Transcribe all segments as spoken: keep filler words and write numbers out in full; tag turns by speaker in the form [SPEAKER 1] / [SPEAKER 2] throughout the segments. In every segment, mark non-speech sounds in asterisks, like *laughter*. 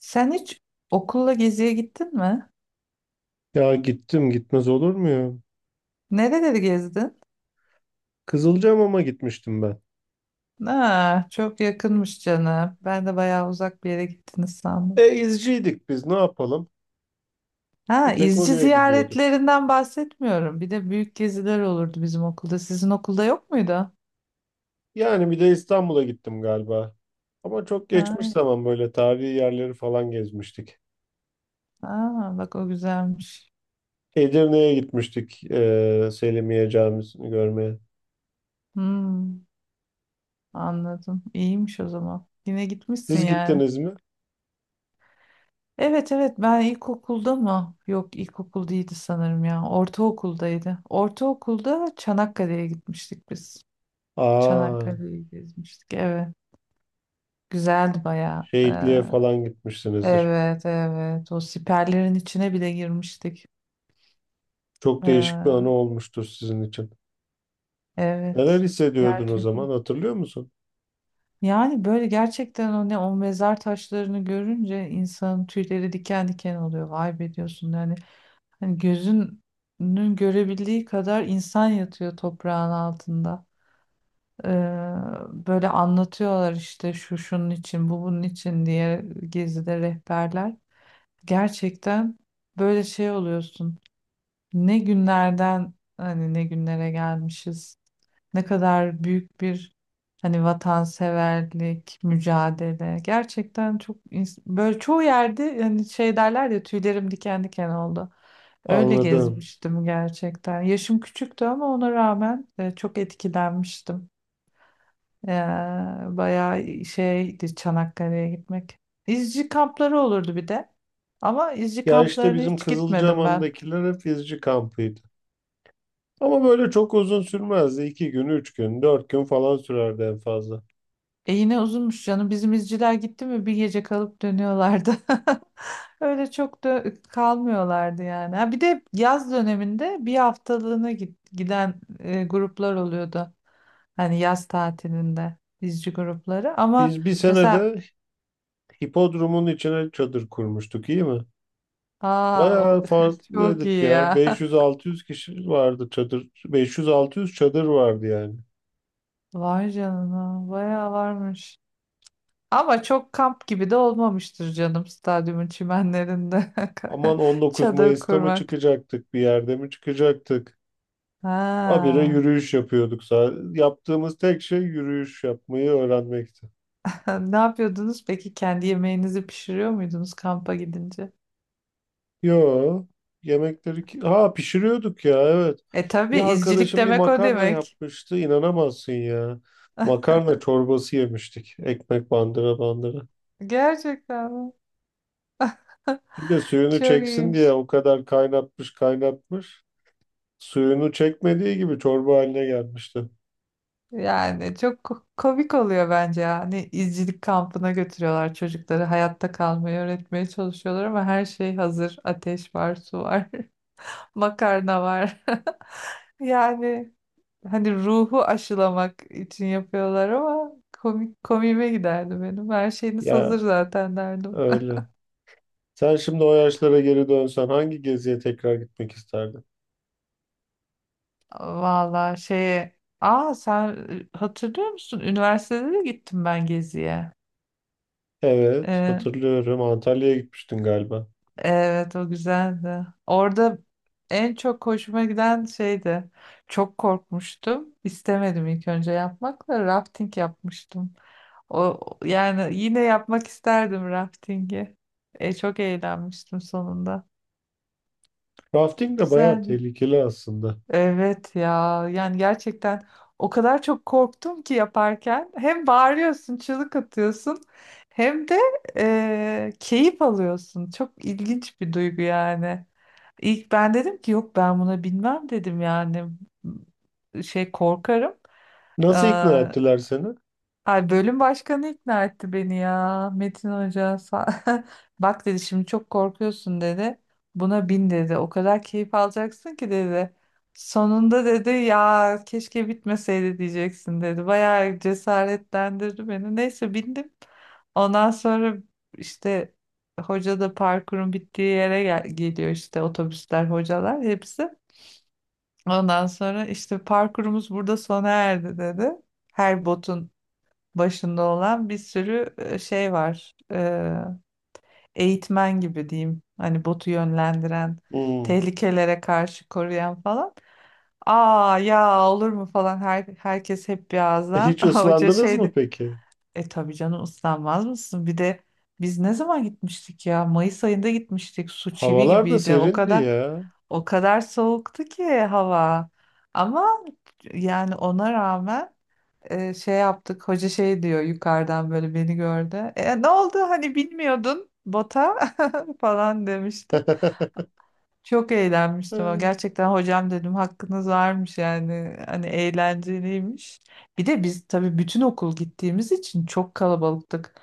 [SPEAKER 1] Sen hiç okulla geziye gittin mi?
[SPEAKER 2] Ya gittim gitmez olur mu ya?
[SPEAKER 1] Nereleri gezdin?
[SPEAKER 2] Kızılcahamam'a gitmiştim ben.
[SPEAKER 1] Ha, çok yakınmış canım. Ben de bayağı uzak bir yere gittiniz sandım.
[SPEAKER 2] E izciydik biz ne yapalım?
[SPEAKER 1] Ha,
[SPEAKER 2] Bir tek
[SPEAKER 1] izci
[SPEAKER 2] oraya gidiyorduk.
[SPEAKER 1] ziyaretlerinden bahsetmiyorum. Bir de büyük geziler olurdu bizim okulda. Sizin okulda yok muydu?
[SPEAKER 2] Yani bir de İstanbul'a gittim galiba. Ama çok geçmiş
[SPEAKER 1] Ha,
[SPEAKER 2] zaman böyle tarihi yerleri falan gezmiştik.
[SPEAKER 1] ha, bak o güzelmiş.
[SPEAKER 2] Edirne'ye gitmiştik e, Selimiye Camisi'ni görmeye.
[SPEAKER 1] Hmm, anladım. İyiymiş o zaman. Yine gitmişsin
[SPEAKER 2] Siz
[SPEAKER 1] yani.
[SPEAKER 2] gittiniz mi?
[SPEAKER 1] Evet evet ben ilkokulda mı? Yok ilkokul değildi sanırım ya. Ortaokuldaydı. Ortaokulda Çanakkale'ye gitmiştik biz.
[SPEAKER 2] Aa,
[SPEAKER 1] Çanakkale'yi gezmiştik. Evet. Güzeldi bayağı. Ee,
[SPEAKER 2] şehitliğe falan gitmişsinizdir.
[SPEAKER 1] evet evet. O siperlerin içine bile girmiştik.
[SPEAKER 2] Çok değişik bir anı
[SPEAKER 1] Ee,
[SPEAKER 2] olmuştur sizin için. Neler
[SPEAKER 1] evet.
[SPEAKER 2] hissediyordun o zaman
[SPEAKER 1] Gerçekten.
[SPEAKER 2] hatırlıyor musun?
[SPEAKER 1] Yani böyle gerçekten o ne o mezar taşlarını görünce insanın tüyleri diken diken oluyor. Vay be diyorsun yani. Hani gözünün görebildiği kadar insan yatıyor toprağın altında. Ee, böyle anlatıyorlar işte şu şunun için bu bunun için diye gezide rehberler. Gerçekten böyle şey oluyorsun. Ne günlerden hani ne günlere gelmişiz. Ne kadar büyük bir hani vatanseverlik, mücadele. Gerçekten çok ins- böyle çoğu yerde hani şey derler ya tüylerim diken diken oldu. Öyle
[SPEAKER 2] Anladım.
[SPEAKER 1] gezmiştim gerçekten. Yaşım küçüktü ama ona rağmen e, çok etkilenmiştim. Ya, bayağı şeydi Çanakkale'ye gitmek. İzci kampları olurdu bir de. Ama izci
[SPEAKER 2] Ya işte
[SPEAKER 1] kamplarına
[SPEAKER 2] bizim
[SPEAKER 1] hiç gitmedim ben.
[SPEAKER 2] Kızılcahamam'dakiler hep izci kampıydı. Ama böyle çok uzun sürmezdi. İki gün, üç gün, dört gün falan sürerdi en fazla.
[SPEAKER 1] E yine uzunmuş canım. Bizim izciler gitti mi bir gece kalıp dönüyorlardı. *laughs* Öyle çok da kalmıyorlardı yani. Ha, bir de yaz döneminde bir haftalığına git, giden e, gruplar oluyordu. Hani yaz tatilinde izci grupları. Ama
[SPEAKER 2] Biz bir
[SPEAKER 1] mesela
[SPEAKER 2] senede hipodromun içine çadır kurmuştuk, iyi mi?
[SPEAKER 1] aa o
[SPEAKER 2] Bayağı
[SPEAKER 1] *laughs* çok iyi
[SPEAKER 2] farklıydık ya.
[SPEAKER 1] ya. *laughs*
[SPEAKER 2] beş yüz altı yüz kişi vardı çadır. beş yüz altı yüz çadır vardı yani.
[SPEAKER 1] Vay canına, bayağı varmış. Ama çok kamp gibi de olmamıştır canım stadyumun çimenlerinde
[SPEAKER 2] Aman
[SPEAKER 1] *laughs*
[SPEAKER 2] on dokuz
[SPEAKER 1] çadır
[SPEAKER 2] Mayıs'ta mı
[SPEAKER 1] kurmak.
[SPEAKER 2] çıkacaktık, bir yerde mi çıkacaktık? Habire
[SPEAKER 1] Ha.
[SPEAKER 2] yürüyüş yapıyorduk. Sa- Yaptığımız tek şey yürüyüş yapmayı öğrenmekti.
[SPEAKER 1] *laughs* Ne yapıyordunuz peki? Kendi yemeğinizi pişiriyor muydunuz kampa gidince?
[SPEAKER 2] Yo, yemekleri ki... Ha pişiriyorduk ya evet.
[SPEAKER 1] E tabii
[SPEAKER 2] Bir
[SPEAKER 1] izcilik
[SPEAKER 2] arkadaşım bir
[SPEAKER 1] demek o
[SPEAKER 2] makarna
[SPEAKER 1] demek.
[SPEAKER 2] yapmıştı inanamazsın ya. Makarna çorbası yemiştik. Ekmek bandıra bandıra.
[SPEAKER 1] Gerçekten mi?
[SPEAKER 2] Bir de suyunu
[SPEAKER 1] Çok
[SPEAKER 2] çeksin diye
[SPEAKER 1] iyiymiş.
[SPEAKER 2] o kadar kaynatmış kaynatmış. Suyunu çekmediği gibi çorba haline gelmişti.
[SPEAKER 1] Yani çok ko- komik oluyor bence ya. Hani izcilik kampına götürüyorlar çocukları. Hayatta kalmayı öğretmeye çalışıyorlar ama her şey hazır. Ateş var, su var. *laughs* Makarna var. *laughs* Yani hani ruhu aşılamak için yapıyorlar ama komik komiğime giderdi benim. Her şeyiniz hazır
[SPEAKER 2] Ya
[SPEAKER 1] zaten derdim.
[SPEAKER 2] öyle. Sen şimdi o yaşlara geri dönsen hangi geziye tekrar gitmek isterdin?
[SPEAKER 1] *laughs* Vallahi şeye... Aa sen e, hatırlıyor musun? Üniversitede de gittim ben geziye.
[SPEAKER 2] Evet
[SPEAKER 1] Ee,
[SPEAKER 2] hatırlıyorum Antalya'ya gitmiştin galiba.
[SPEAKER 1] Evet o güzeldi. Orada en çok hoşuma giden şeydi. Çok korkmuştum. İstemedim ilk önce yapmak da rafting yapmıştım. O yani yine yapmak isterdim raftingi. E, çok eğlenmiştim sonunda.
[SPEAKER 2] Rafting de bayağı
[SPEAKER 1] Güzeldi.
[SPEAKER 2] tehlikeli aslında.
[SPEAKER 1] Evet ya yani gerçekten o kadar çok korktum ki yaparken hem bağırıyorsun, çığlık atıyorsun hem de e, keyif alıyorsun. Çok ilginç bir duygu yani. İlk ben dedim ki yok ben buna binmem dedim yani şey korkarım.
[SPEAKER 2] Nasıl ikna ettiler seni?
[SPEAKER 1] Ay bölüm başkanı ikna etti beni ya. Metin Hoca sa- *laughs* bak dedi şimdi çok korkuyorsun dedi. Buna bin dedi. O kadar keyif alacaksın ki dedi. Sonunda dedi ya keşke bitmeseydi diyeceksin dedi. Bayağı cesaretlendirdi beni. Neyse bindim. Ondan sonra işte hoca da parkurun bittiği yere gel- geliyor işte otobüsler, hocalar hepsi. Ondan sonra işte parkurumuz burada sona erdi dedi. Her botun başında olan bir sürü e, şey var. Ee, eğitmen gibi diyeyim. Hani botu yönlendiren,
[SPEAKER 2] Hmm.
[SPEAKER 1] tehlikelere karşı koruyan falan. Aa ya olur mu falan her, herkes hep bir
[SPEAKER 2] E,
[SPEAKER 1] ağızdan.
[SPEAKER 2] Hiç
[SPEAKER 1] *laughs* Hoca
[SPEAKER 2] ıslandınız mı
[SPEAKER 1] şeydi.
[SPEAKER 2] peki?
[SPEAKER 1] E tabii canım ıslanmaz mısın? Bir de biz ne zaman gitmiştik ya? Mayıs ayında gitmiştik. Su çivi
[SPEAKER 2] Havalar da
[SPEAKER 1] gibiydi. O
[SPEAKER 2] serindi
[SPEAKER 1] kadar
[SPEAKER 2] ya.
[SPEAKER 1] o kadar soğuktu ki hava. Ama yani ona rağmen e, şey yaptık. Hoca şey diyor yukarıdan böyle beni gördü. E, ne oldu hani bilmiyordun bota *laughs* falan demişti. Çok eğlenmiştim. ama
[SPEAKER 2] Hı.
[SPEAKER 1] Gerçekten hocam dedim hakkınız varmış yani. Hani eğlenceliymiş. Bir de biz tabii bütün okul gittiğimiz için çok kalabalıktık.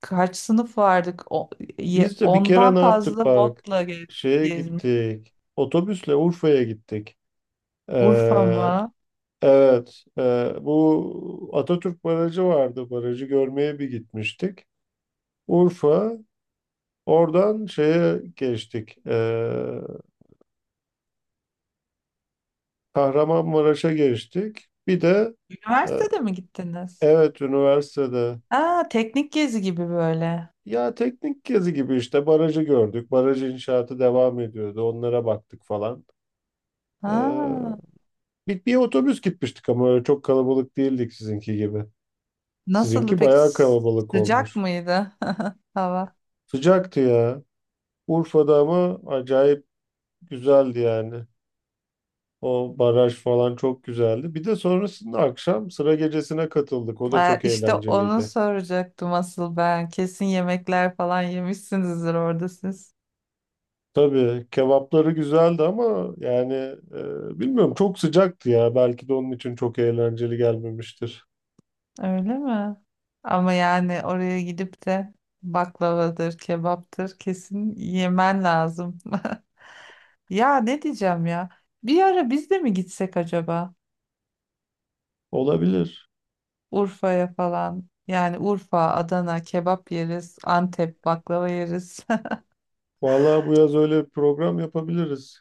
[SPEAKER 1] Kaç sınıf vardık? O, ye-
[SPEAKER 2] Biz de bir kere
[SPEAKER 1] ondan
[SPEAKER 2] ne yaptık
[SPEAKER 1] fazla
[SPEAKER 2] bak.
[SPEAKER 1] botla ge-
[SPEAKER 2] Şeye
[SPEAKER 1] gezmiş.
[SPEAKER 2] gittik. Otobüsle Urfa'ya gittik.
[SPEAKER 1] Urfa
[SPEAKER 2] Ee,
[SPEAKER 1] mı?
[SPEAKER 2] evet. e, bu Atatürk Barajı vardı. Barajı görmeye bir gitmiştik. Urfa. Oradan şeye geçtik. Ee, Kahramanmaraş'a geçtik. Bir de e,
[SPEAKER 1] Üniversitede mi gittiniz?
[SPEAKER 2] evet üniversitede.
[SPEAKER 1] Aa, teknik gezi gibi böyle.
[SPEAKER 2] Ya teknik gezi gibi işte barajı gördük. Baraj inşaatı devam ediyordu. Onlara baktık falan. Ee,
[SPEAKER 1] Ha.
[SPEAKER 2] bir, bir otobüs gitmiştik ama öyle çok kalabalık değildik sizinki gibi.
[SPEAKER 1] Nasıldı
[SPEAKER 2] Sizinki
[SPEAKER 1] peki?
[SPEAKER 2] bayağı kalabalık
[SPEAKER 1] Sıcak
[SPEAKER 2] olmuş.
[SPEAKER 1] mıydı *laughs* hava?
[SPEAKER 2] Sıcaktı ya. Urfa'da ama acayip güzeldi yani. O baraj falan çok güzeldi. Bir de sonrasında akşam sıra gecesine katıldık. O da
[SPEAKER 1] Ee,
[SPEAKER 2] çok
[SPEAKER 1] işte onu
[SPEAKER 2] eğlenceliydi.
[SPEAKER 1] soracaktım asıl ben. Kesin yemekler falan yemişsinizdir orada siz.
[SPEAKER 2] Tabii kebapları güzeldi ama yani e, bilmiyorum çok sıcaktı ya. Belki de onun için çok eğlenceli gelmemiştir.
[SPEAKER 1] Öyle mi? Ama yani oraya gidip de baklavadır, kebaptır kesin yemen lazım. *laughs* Ya ne diyeceğim ya? Bir ara biz de mi gitsek acaba?
[SPEAKER 2] Olabilir.
[SPEAKER 1] Urfa'ya falan. Yani Urfa, Adana kebap yeriz, Antep baklava yeriz.
[SPEAKER 2] Vallahi bu yaz öyle bir program yapabiliriz.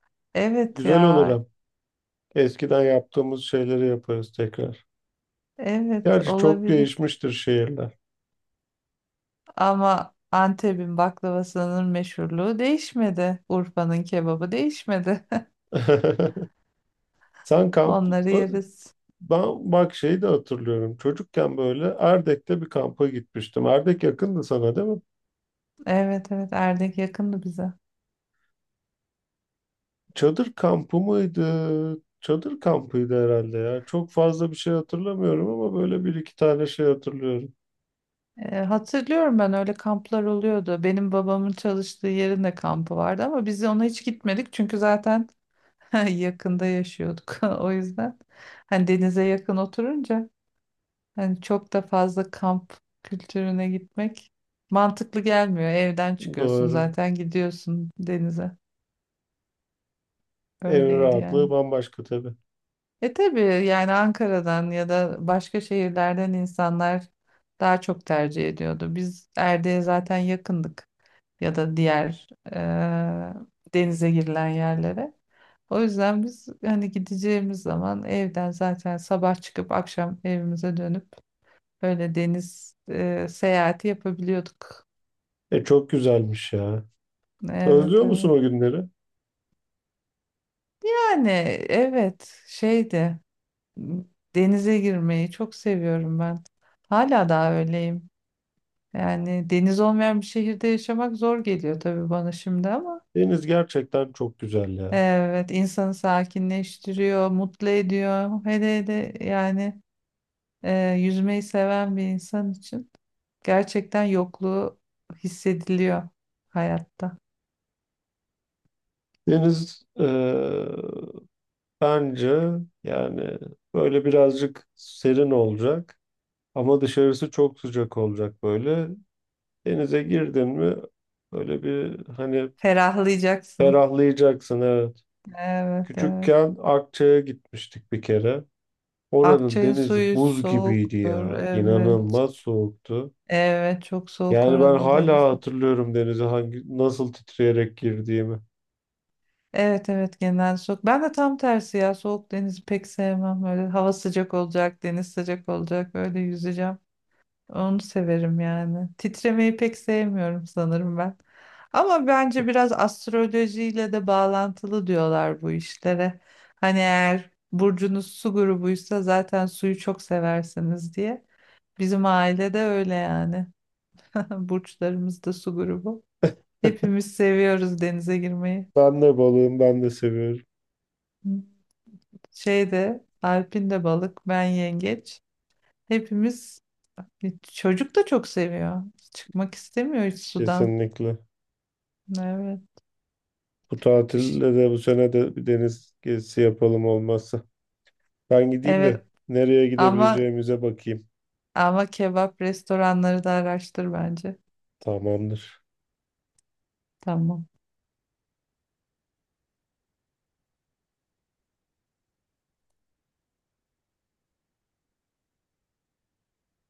[SPEAKER 1] *laughs* Evet
[SPEAKER 2] Güzel olur
[SPEAKER 1] ya.
[SPEAKER 2] hem. Eskiden yaptığımız şeyleri yaparız tekrar.
[SPEAKER 1] Evet
[SPEAKER 2] Gerçi çok
[SPEAKER 1] olabilir.
[SPEAKER 2] değişmiştir şehirler.
[SPEAKER 1] Ama Antep'in baklavasının meşhurluğu değişmedi. Urfa'nın kebabı değişmedi. *laughs*
[SPEAKER 2] *laughs* Sen kamp...
[SPEAKER 1] Onları
[SPEAKER 2] e,
[SPEAKER 1] yeriz.
[SPEAKER 2] Ben bak şeyi de hatırlıyorum. Çocukken böyle Erdek'te bir kampa gitmiştim. Erdek yakındı sana değil mi?
[SPEAKER 1] Evet evet Erdek yakındı bize.
[SPEAKER 2] Çadır kampı mıydı? Çadır kampıydı herhalde ya. Çok fazla bir şey hatırlamıyorum ama böyle bir iki tane şey hatırlıyorum.
[SPEAKER 1] Ee, hatırlıyorum ben öyle kamplar oluyordu. Benim babamın çalıştığı yerin de kampı vardı ama biz ona hiç gitmedik çünkü zaten *laughs* yakında yaşıyorduk. *laughs* O yüzden hani denize yakın oturunca hani çok da fazla kamp kültürüne gitmek mantıklı gelmiyor. Evden çıkıyorsun
[SPEAKER 2] Doğru.
[SPEAKER 1] zaten gidiyorsun denize.
[SPEAKER 2] Evin
[SPEAKER 1] Öyleydi
[SPEAKER 2] rahatlığı
[SPEAKER 1] yani.
[SPEAKER 2] bambaşka tabii.
[SPEAKER 1] E tabii yani Ankara'dan ya da başka şehirlerden insanlar daha çok tercih ediyordu. Biz Erdek'e zaten yakındık ya da diğer e, denize girilen yerlere. O yüzden biz hani gideceğimiz zaman evden zaten sabah çıkıp akşam evimize dönüp öyle deniz e, seyahati yapabiliyorduk.
[SPEAKER 2] E çok güzelmiş ya.
[SPEAKER 1] Evet,
[SPEAKER 2] Özlüyor musun
[SPEAKER 1] evet.
[SPEAKER 2] o günleri?
[SPEAKER 1] Yani evet şeydi, m, denize girmeyi çok seviyorum ben. Hala daha öyleyim. Yani deniz olmayan bir şehirde yaşamak zor geliyor tabii bana şimdi ama
[SPEAKER 2] Deniz gerçekten çok güzel ya.
[SPEAKER 1] evet insanı sakinleştiriyor, mutlu ediyor. Hele hele yani e, yüzmeyi seven bir insan için gerçekten yokluğu hissediliyor hayatta.
[SPEAKER 2] Deniz e, bence yani böyle birazcık serin olacak ama dışarısı çok sıcak olacak böyle. Denize girdin mi böyle bir hani
[SPEAKER 1] Ferahlayacaksın.
[SPEAKER 2] ferahlayacaksın evet.
[SPEAKER 1] Evet, evet.
[SPEAKER 2] Küçükken Akçay'a gitmiştik bir kere. Oranın
[SPEAKER 1] Akçay'ın
[SPEAKER 2] denizi
[SPEAKER 1] suyu
[SPEAKER 2] buz gibiydi
[SPEAKER 1] soğuktur.
[SPEAKER 2] ya.
[SPEAKER 1] Evet.
[SPEAKER 2] İnanılmaz soğuktu.
[SPEAKER 1] Evet, çok soğuk
[SPEAKER 2] Yani ben
[SPEAKER 1] oranın denizi.
[SPEAKER 2] hala hatırlıyorum denize hangi nasıl titreyerek girdiğimi.
[SPEAKER 1] Evet evet genel soğuk. Ben de tam tersi ya soğuk denizi pek sevmem. Böyle hava sıcak olacak, deniz sıcak olacak. Öyle yüzeceğim. Onu severim yani. Titremeyi pek sevmiyorum sanırım ben. Ama bence biraz astrolojiyle de bağlantılı diyorlar bu işlere. Hani eğer burcunuz su grubuysa zaten suyu çok seversiniz diye. Bizim ailede öyle yani. *laughs* Burçlarımız da su grubu. Hepimiz seviyoruz denize girmeyi.
[SPEAKER 2] Ben de balığım, ben de seviyorum
[SPEAKER 1] Şeyde Alp'in de balık, ben yengeç. Hepimiz e, çocuk da çok seviyor. Çıkmak istemiyor hiç sudan.
[SPEAKER 2] kesinlikle.
[SPEAKER 1] Evet.
[SPEAKER 2] Bu tatilde de bu sene de bir deniz gezisi yapalım olmazsa. Ben gideyim de
[SPEAKER 1] Evet
[SPEAKER 2] nereye
[SPEAKER 1] ama
[SPEAKER 2] gidebileceğimize bakayım.
[SPEAKER 1] ama kebap restoranları da araştır bence.
[SPEAKER 2] Tamamdır.
[SPEAKER 1] Tamam.